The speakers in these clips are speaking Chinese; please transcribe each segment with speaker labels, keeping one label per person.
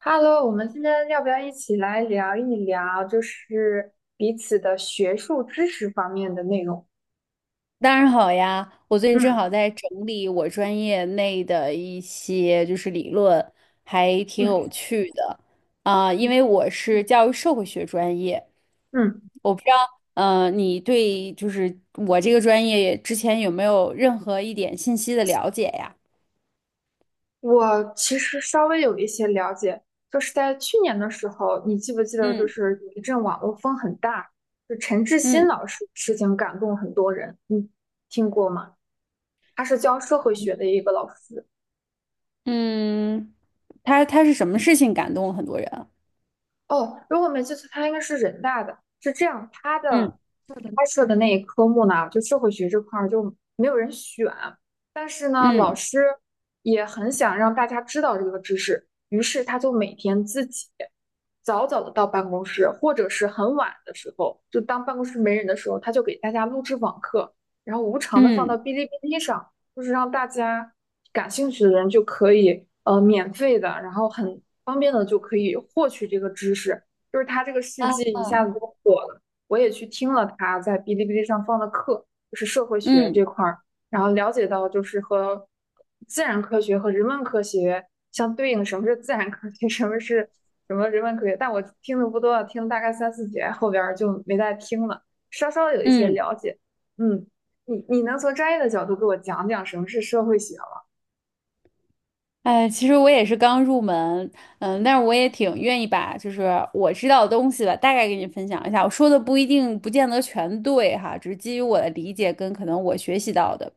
Speaker 1: Hello，我们今天要不要一起来聊一聊，就是彼此的学术知识方面的内容？
Speaker 2: 当然好呀，我最近正
Speaker 1: 嗯
Speaker 2: 好在整理我专业内的一些就是理论，还挺
Speaker 1: 嗯
Speaker 2: 有趣的啊，因
Speaker 1: 嗯，
Speaker 2: 为我是教育社会学专业，
Speaker 1: 嗯，
Speaker 2: 我不知道，你对就是我这个专业之前有没有任何一点信息的了解呀？
Speaker 1: 我其实稍微有一些了解，就是在去年的时候，你记不记得，就
Speaker 2: 嗯
Speaker 1: 是有一阵网络风很大，就陈志新
Speaker 2: 嗯
Speaker 1: 老师的事情感动很多人，你听过吗？他是教社会学的一个老师。
Speaker 2: 嗯，他是什么事情感动了很多人啊
Speaker 1: 哦，如果没记错，他应该是人大的。是这样，他
Speaker 2: 嗯
Speaker 1: 的开设的那一科目呢，就社会学这块儿就没有人选，但是呢，老
Speaker 2: 嗯
Speaker 1: 师也很想让大家知道这个知识，于是他就每天自己早早的到办公室，或者是很晚的时候，就当办公室没人的时候，他就给大家录制网课，然后无偿的放到
Speaker 2: 嗯
Speaker 1: 哔哩哔哩上，就是让大家感兴趣的人就可以免费的，然后很方便的就可以获取这个知识，就是他这个事
Speaker 2: 啊
Speaker 1: 迹一下
Speaker 2: 啊
Speaker 1: 子就火了。我也去听了他在哔哩哔哩上放的课，就是社会学这
Speaker 2: 嗯
Speaker 1: 块儿，然后了解到就是和自然科学和人文科学相对应的什么是自然科学，什么是人文科学。但我听的不多，听了大概三四节，后边就没再听了，稍稍有一些
Speaker 2: 嗯。
Speaker 1: 了解。嗯，你能从专业的角度给我讲讲什么是社会学吗？
Speaker 2: 其实我也是刚入门，嗯，但是我也挺愿意把就是我知道的东西吧，大概给你分享一下。我说的不一定不见得全对哈，只是基于我的理解跟可能我学习到的。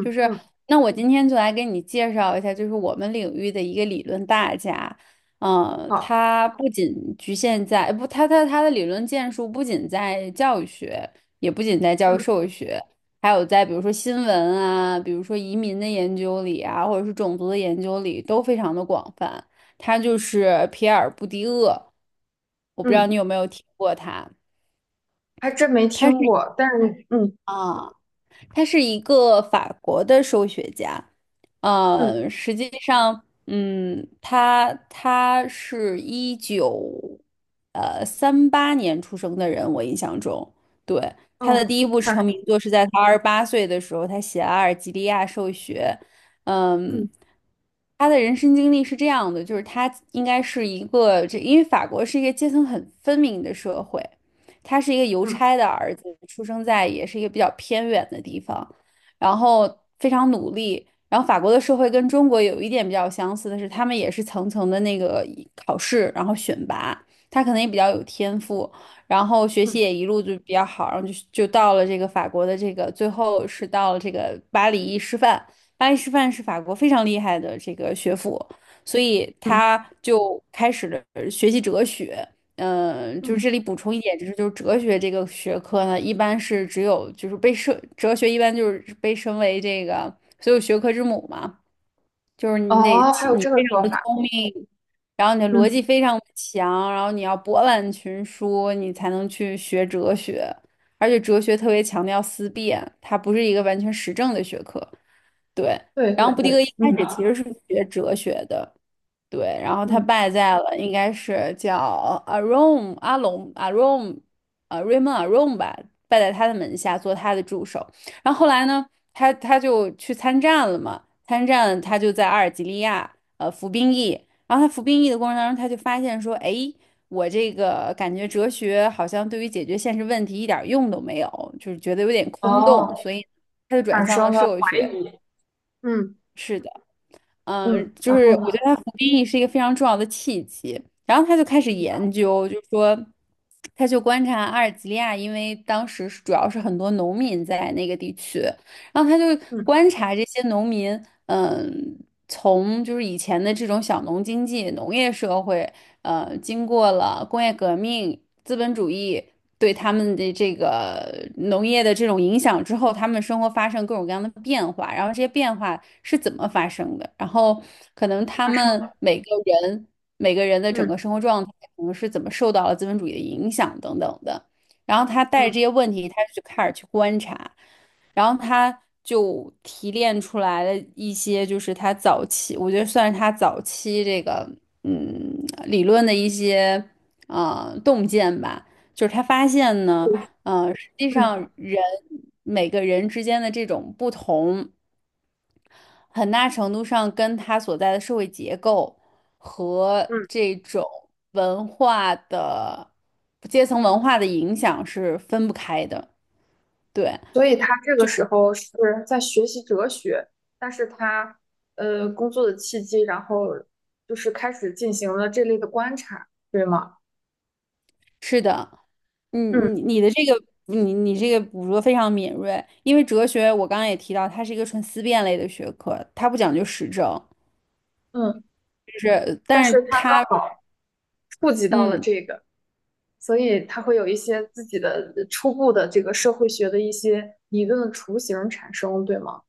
Speaker 2: 就是，
Speaker 1: 嗯，
Speaker 2: 那我今天就来给你介绍一下，就是我们领域的一个理论大家。
Speaker 1: 好，
Speaker 2: 他不仅局限在，不，他他他的理论建树不仅在教育学，也不仅在教育
Speaker 1: 嗯
Speaker 2: 社会学，还有在比如说新闻啊，比如说移民的研究里啊，或者是种族的研究里，都非常的广泛。他就是皮尔布迪厄，我不知道
Speaker 1: 嗯，
Speaker 2: 你有没有听过他，
Speaker 1: 还真没
Speaker 2: 他
Speaker 1: 听
Speaker 2: 是
Speaker 1: 过，但是嗯
Speaker 2: 啊。他是一个法国的数学家，
Speaker 1: 嗯
Speaker 2: 实际上，他是一九三八年出生的人，我印象中，对，他的
Speaker 1: 哦，
Speaker 2: 第一部
Speaker 1: 啥？
Speaker 2: 成名作是在他28岁的时候，他写了阿尔及利亚数学》，
Speaker 1: 嗯
Speaker 2: 嗯。他的人生经历是这样的，就是他应该是一个，因为法国是一个阶层很分明的社会，他是一个邮差
Speaker 1: 嗯
Speaker 2: 的儿子，出生在也是一个比较偏远的地方，然后非常努力。然后法国的社会跟中国有一点比较相似的是，他们也是层层的那个考试，然后选拔。他可能也比较有天赋，然后学
Speaker 1: 嗯
Speaker 2: 习也一路就比较好，然后就到了这个法国的这个，最后是到了这个巴黎师范。巴黎师范是法国非常厉害的这个学府，所以
Speaker 1: 嗯。
Speaker 2: 他就开始了学习哲学，就是
Speaker 1: 嗯
Speaker 2: 这里补充一点，就是哲学这个学科呢，一般是只有就是被设哲学一般就是被称为这个所有学科之母嘛，就是
Speaker 1: 哦，还有
Speaker 2: 你
Speaker 1: 这个
Speaker 2: 非
Speaker 1: 说
Speaker 2: 常的
Speaker 1: 法，
Speaker 2: 聪明，然后你的逻
Speaker 1: 嗯
Speaker 2: 辑非常强，然后你要博览群书，你才能去学哲学，而且哲学特别强调思辨，它不是一个完全实证的学科，对。
Speaker 1: 对
Speaker 2: 然
Speaker 1: 对
Speaker 2: 后布迪厄一
Speaker 1: 对，嗯，
Speaker 2: 开始其实是学哲学的。对，然后他
Speaker 1: 嗯
Speaker 2: 败在了，应该是叫阿 r o m 阿龙 Arom r a y m 吧，败在他的门下做他的助手。然后后来呢，他就去参战了嘛，参战他就在阿尔及利亚服兵役，然后他服兵役的过程当中，他就发现说，哎，我这个感觉哲学好像对于解决现实问题一点儿用都没有，就是觉得有点空
Speaker 1: 哦，
Speaker 2: 洞，所以他就转
Speaker 1: 产
Speaker 2: 向
Speaker 1: 生
Speaker 2: 了
Speaker 1: 了
Speaker 2: 社
Speaker 1: 怀
Speaker 2: 会学。
Speaker 1: 疑，嗯
Speaker 2: 是的。
Speaker 1: 嗯，
Speaker 2: 就
Speaker 1: 然
Speaker 2: 是
Speaker 1: 后呢，
Speaker 2: 我觉得他服兵役是一个非常重要的契机，然后他就开始研究，就是说，他就观察阿尔及利亚，因为当时是主要是很多农民在那个地区，然后他就
Speaker 1: 嗯
Speaker 2: 观察这些农民，嗯，从就是以前的这种小农经济、农业社会，经过了工业革命、资本主义对他们的这个农业的这种影响之后，他们生活发生各种各样的变化，然后这些变化是怎么发生的，然后可能他
Speaker 1: 发生
Speaker 2: 们
Speaker 1: 了，
Speaker 2: 每个人的整
Speaker 1: 嗯
Speaker 2: 个生活状态，可能是怎么受到了资本主义的影响等等的。然后他带着
Speaker 1: 嗯
Speaker 2: 这些问题，他就开始去观察。然后他就提炼出来了一些，就是他早期，我觉得算是他早期这个嗯理论的一些啊，洞见吧。就是他发现呢，实际上
Speaker 1: 嗯，
Speaker 2: 每个人之间的这种不同，很大程度上跟他所在的社会结构和
Speaker 1: 嗯，
Speaker 2: 这种文化的阶层文化的影响是分不开的。对。
Speaker 1: 所以他这个时候是在学习哲学，但是他工作的契机，然后就是开始进行了这类的观察，对吗？
Speaker 2: 是的，你
Speaker 1: 嗯，
Speaker 2: 你你的这个你这个捕捉非常敏锐，因为哲学我刚刚也提到，它是一个纯思辨类的学科，它不讲究实证，
Speaker 1: 嗯，
Speaker 2: 就是
Speaker 1: 但
Speaker 2: 但
Speaker 1: 是
Speaker 2: 是
Speaker 1: 他刚
Speaker 2: 它
Speaker 1: 好触及到了
Speaker 2: 嗯
Speaker 1: 这个。所以他会有一些自己的初步的这个社会学的一些理论的雏形产生，对吗？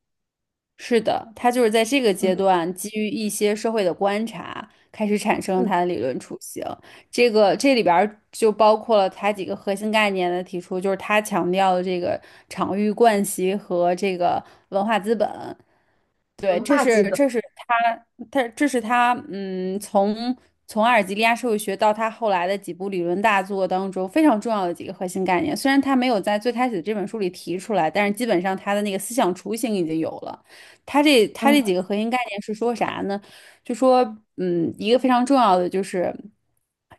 Speaker 2: 是的，它就是在这个阶
Speaker 1: 嗯
Speaker 2: 段基于一些社会的观察，开始产生
Speaker 1: 嗯，
Speaker 2: 它的理论雏形。这里边儿就包括了它几个核心概念的提出，就是它强调的这个场域惯习和这个文化资本。对，
Speaker 1: 文
Speaker 2: 这
Speaker 1: 化资
Speaker 2: 是
Speaker 1: 本，
Speaker 2: 他从阿尔及利亚社会学到他后来的几部理论大作当中非常重要的几个核心概念。虽然他没有在最开始的这本书里提出来，但是基本上他的那个思想雏形已经有了。他这
Speaker 1: 嗯，
Speaker 2: 几个核心概念是说啥呢？就说一个非常重要的就是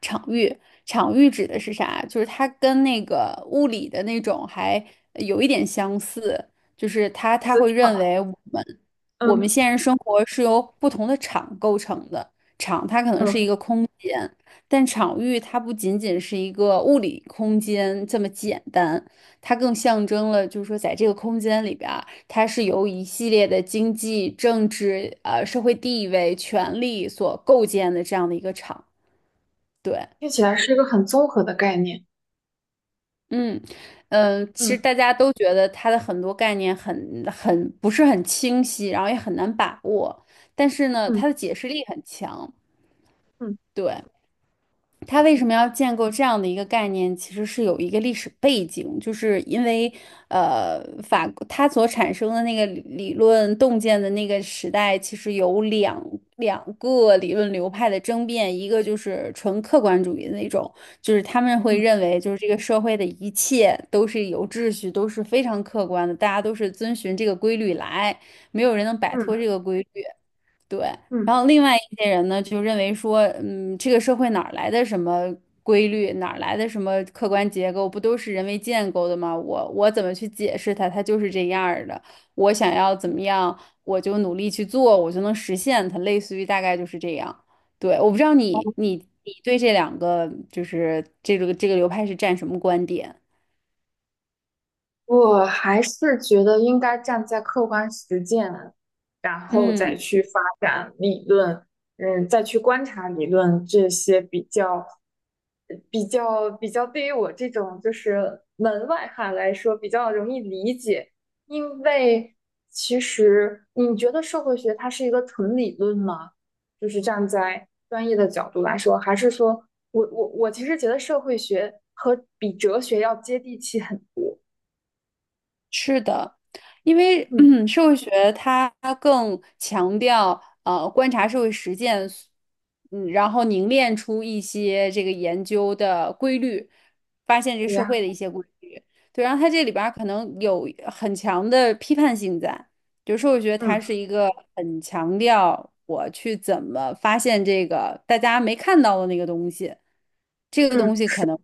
Speaker 2: 场域，场域指的是啥？就是它跟那个物理的那种还有一点相似，就是他
Speaker 1: 资
Speaker 2: 会认
Speaker 1: 产，
Speaker 2: 为我们。我们
Speaker 1: 嗯
Speaker 2: 现实生活是由不同的场构成的，场它可能是一
Speaker 1: 嗯，
Speaker 2: 个空间，但场域它不仅仅是一个物理空间这么简单，它更象征了，就是说在这个空间里边儿它是由一系列的经济、政治、社会地位、权力所构建的这样的一个场。对，
Speaker 1: 听起来是一个很综合的概念。
Speaker 2: 嗯。其实
Speaker 1: 嗯
Speaker 2: 大家都觉得它的很多概念很不是很清晰，然后也很难把握。但是呢，它
Speaker 1: 嗯
Speaker 2: 的解释力很强。
Speaker 1: 嗯
Speaker 2: 对，他为什么要建构这样的一个概念，其实是有一个历史背景，就是因为，它所产生的那个理论洞见的那个时代，其实有两个理论流派的争辩，一个就是纯客观主义的那种，就是他们会认为，就是这个社会的一切都是有秩序，都是非常客观的，大家都是遵循这个规律来，没有人能摆脱
Speaker 1: 嗯
Speaker 2: 这个规律。对，然
Speaker 1: 嗯，
Speaker 2: 后另外一些人呢，就认为说，这个社会哪儿来的什么规律，哪儿来的什么客观结构，不都是人为建构的吗？我怎么去解释它？它就是这样儿的。我想要怎么样，我就努力去做，我就能实现它。类似于大概就是这样。对，我不知道你对这两个就是这个流派是站什么观点？
Speaker 1: 我还是觉得应该站在客观实践，然后再
Speaker 2: 嗯。
Speaker 1: 去发展理论，嗯，再去观察理论这些比较对于我这种就是门外汉来说比较容易理解，因为其实你觉得社会学它是一个纯理论吗？就是站在专业的角度来说，还是说我其实觉得社会学和比哲学要接地气很，
Speaker 2: 是的，因为
Speaker 1: 嗯
Speaker 2: 社会学它更强调观察社会实践，然后凝练出一些这个研究的规律，发现这个
Speaker 1: 对
Speaker 2: 社会
Speaker 1: 呀，
Speaker 2: 的一些规律。对，然后它这里边儿可能有很强的批判性在。比如说，我觉得它是
Speaker 1: 嗯
Speaker 2: 一个很强调我去怎么发现这个大家没看到的那个东西，这个
Speaker 1: 嗯，
Speaker 2: 东西可能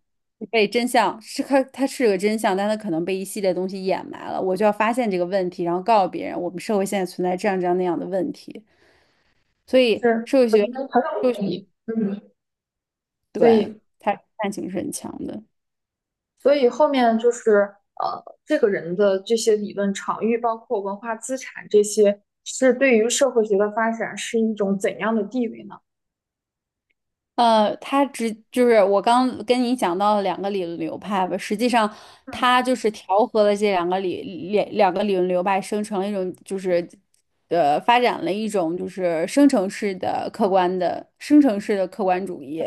Speaker 2: 被真相是它是个真相，但它可能被一系列东西掩埋了，我就要发现这个问题，然后告诉别人我们社会现在存在这样这样那样的问题。所以
Speaker 1: 是，
Speaker 2: 社会
Speaker 1: 我觉
Speaker 2: 学，
Speaker 1: 得很
Speaker 2: 就
Speaker 1: 有意义，嗯，所以
Speaker 2: 对，它探性是很强的。
Speaker 1: 所以后面就是这个人的这些理论场域，包括文化资产这些，是对于社会学的发展是一种怎样的地位呢？
Speaker 2: 他只就是我刚跟你讲到的两个理论流派吧，实际上
Speaker 1: 嗯
Speaker 2: 他就是调和了这两个理论流派，生成了一种就是发展了一种就是生成式的客观主义。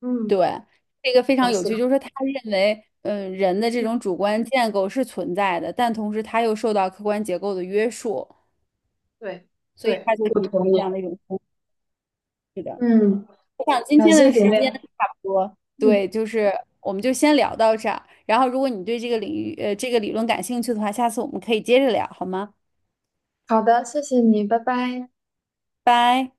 Speaker 1: 嗯，
Speaker 2: 对，这个非常
Speaker 1: 嗯
Speaker 2: 有
Speaker 1: 是
Speaker 2: 趣，
Speaker 1: 的，
Speaker 2: 就是说他认为。嗯，人的这
Speaker 1: 嗯，
Speaker 2: 种主观建构是存在的，但同时他又受到客观结构的约束，
Speaker 1: 对
Speaker 2: 所以
Speaker 1: 对，
Speaker 2: 他就
Speaker 1: 我
Speaker 2: 提出
Speaker 1: 同
Speaker 2: 了这
Speaker 1: 意。
Speaker 2: 样的一种方式。
Speaker 1: 嗯，
Speaker 2: 我想今
Speaker 1: 感
Speaker 2: 天
Speaker 1: 谢
Speaker 2: 的
Speaker 1: 姐
Speaker 2: 时间
Speaker 1: 妹。
Speaker 2: 差不多，
Speaker 1: 嗯，
Speaker 2: 对，就是我们就先聊到这儿。然后，如果你对这个领域，这个理论感兴趣的话，下次我们可以接着聊，好吗？
Speaker 1: 好的，谢谢你，拜拜。
Speaker 2: 拜。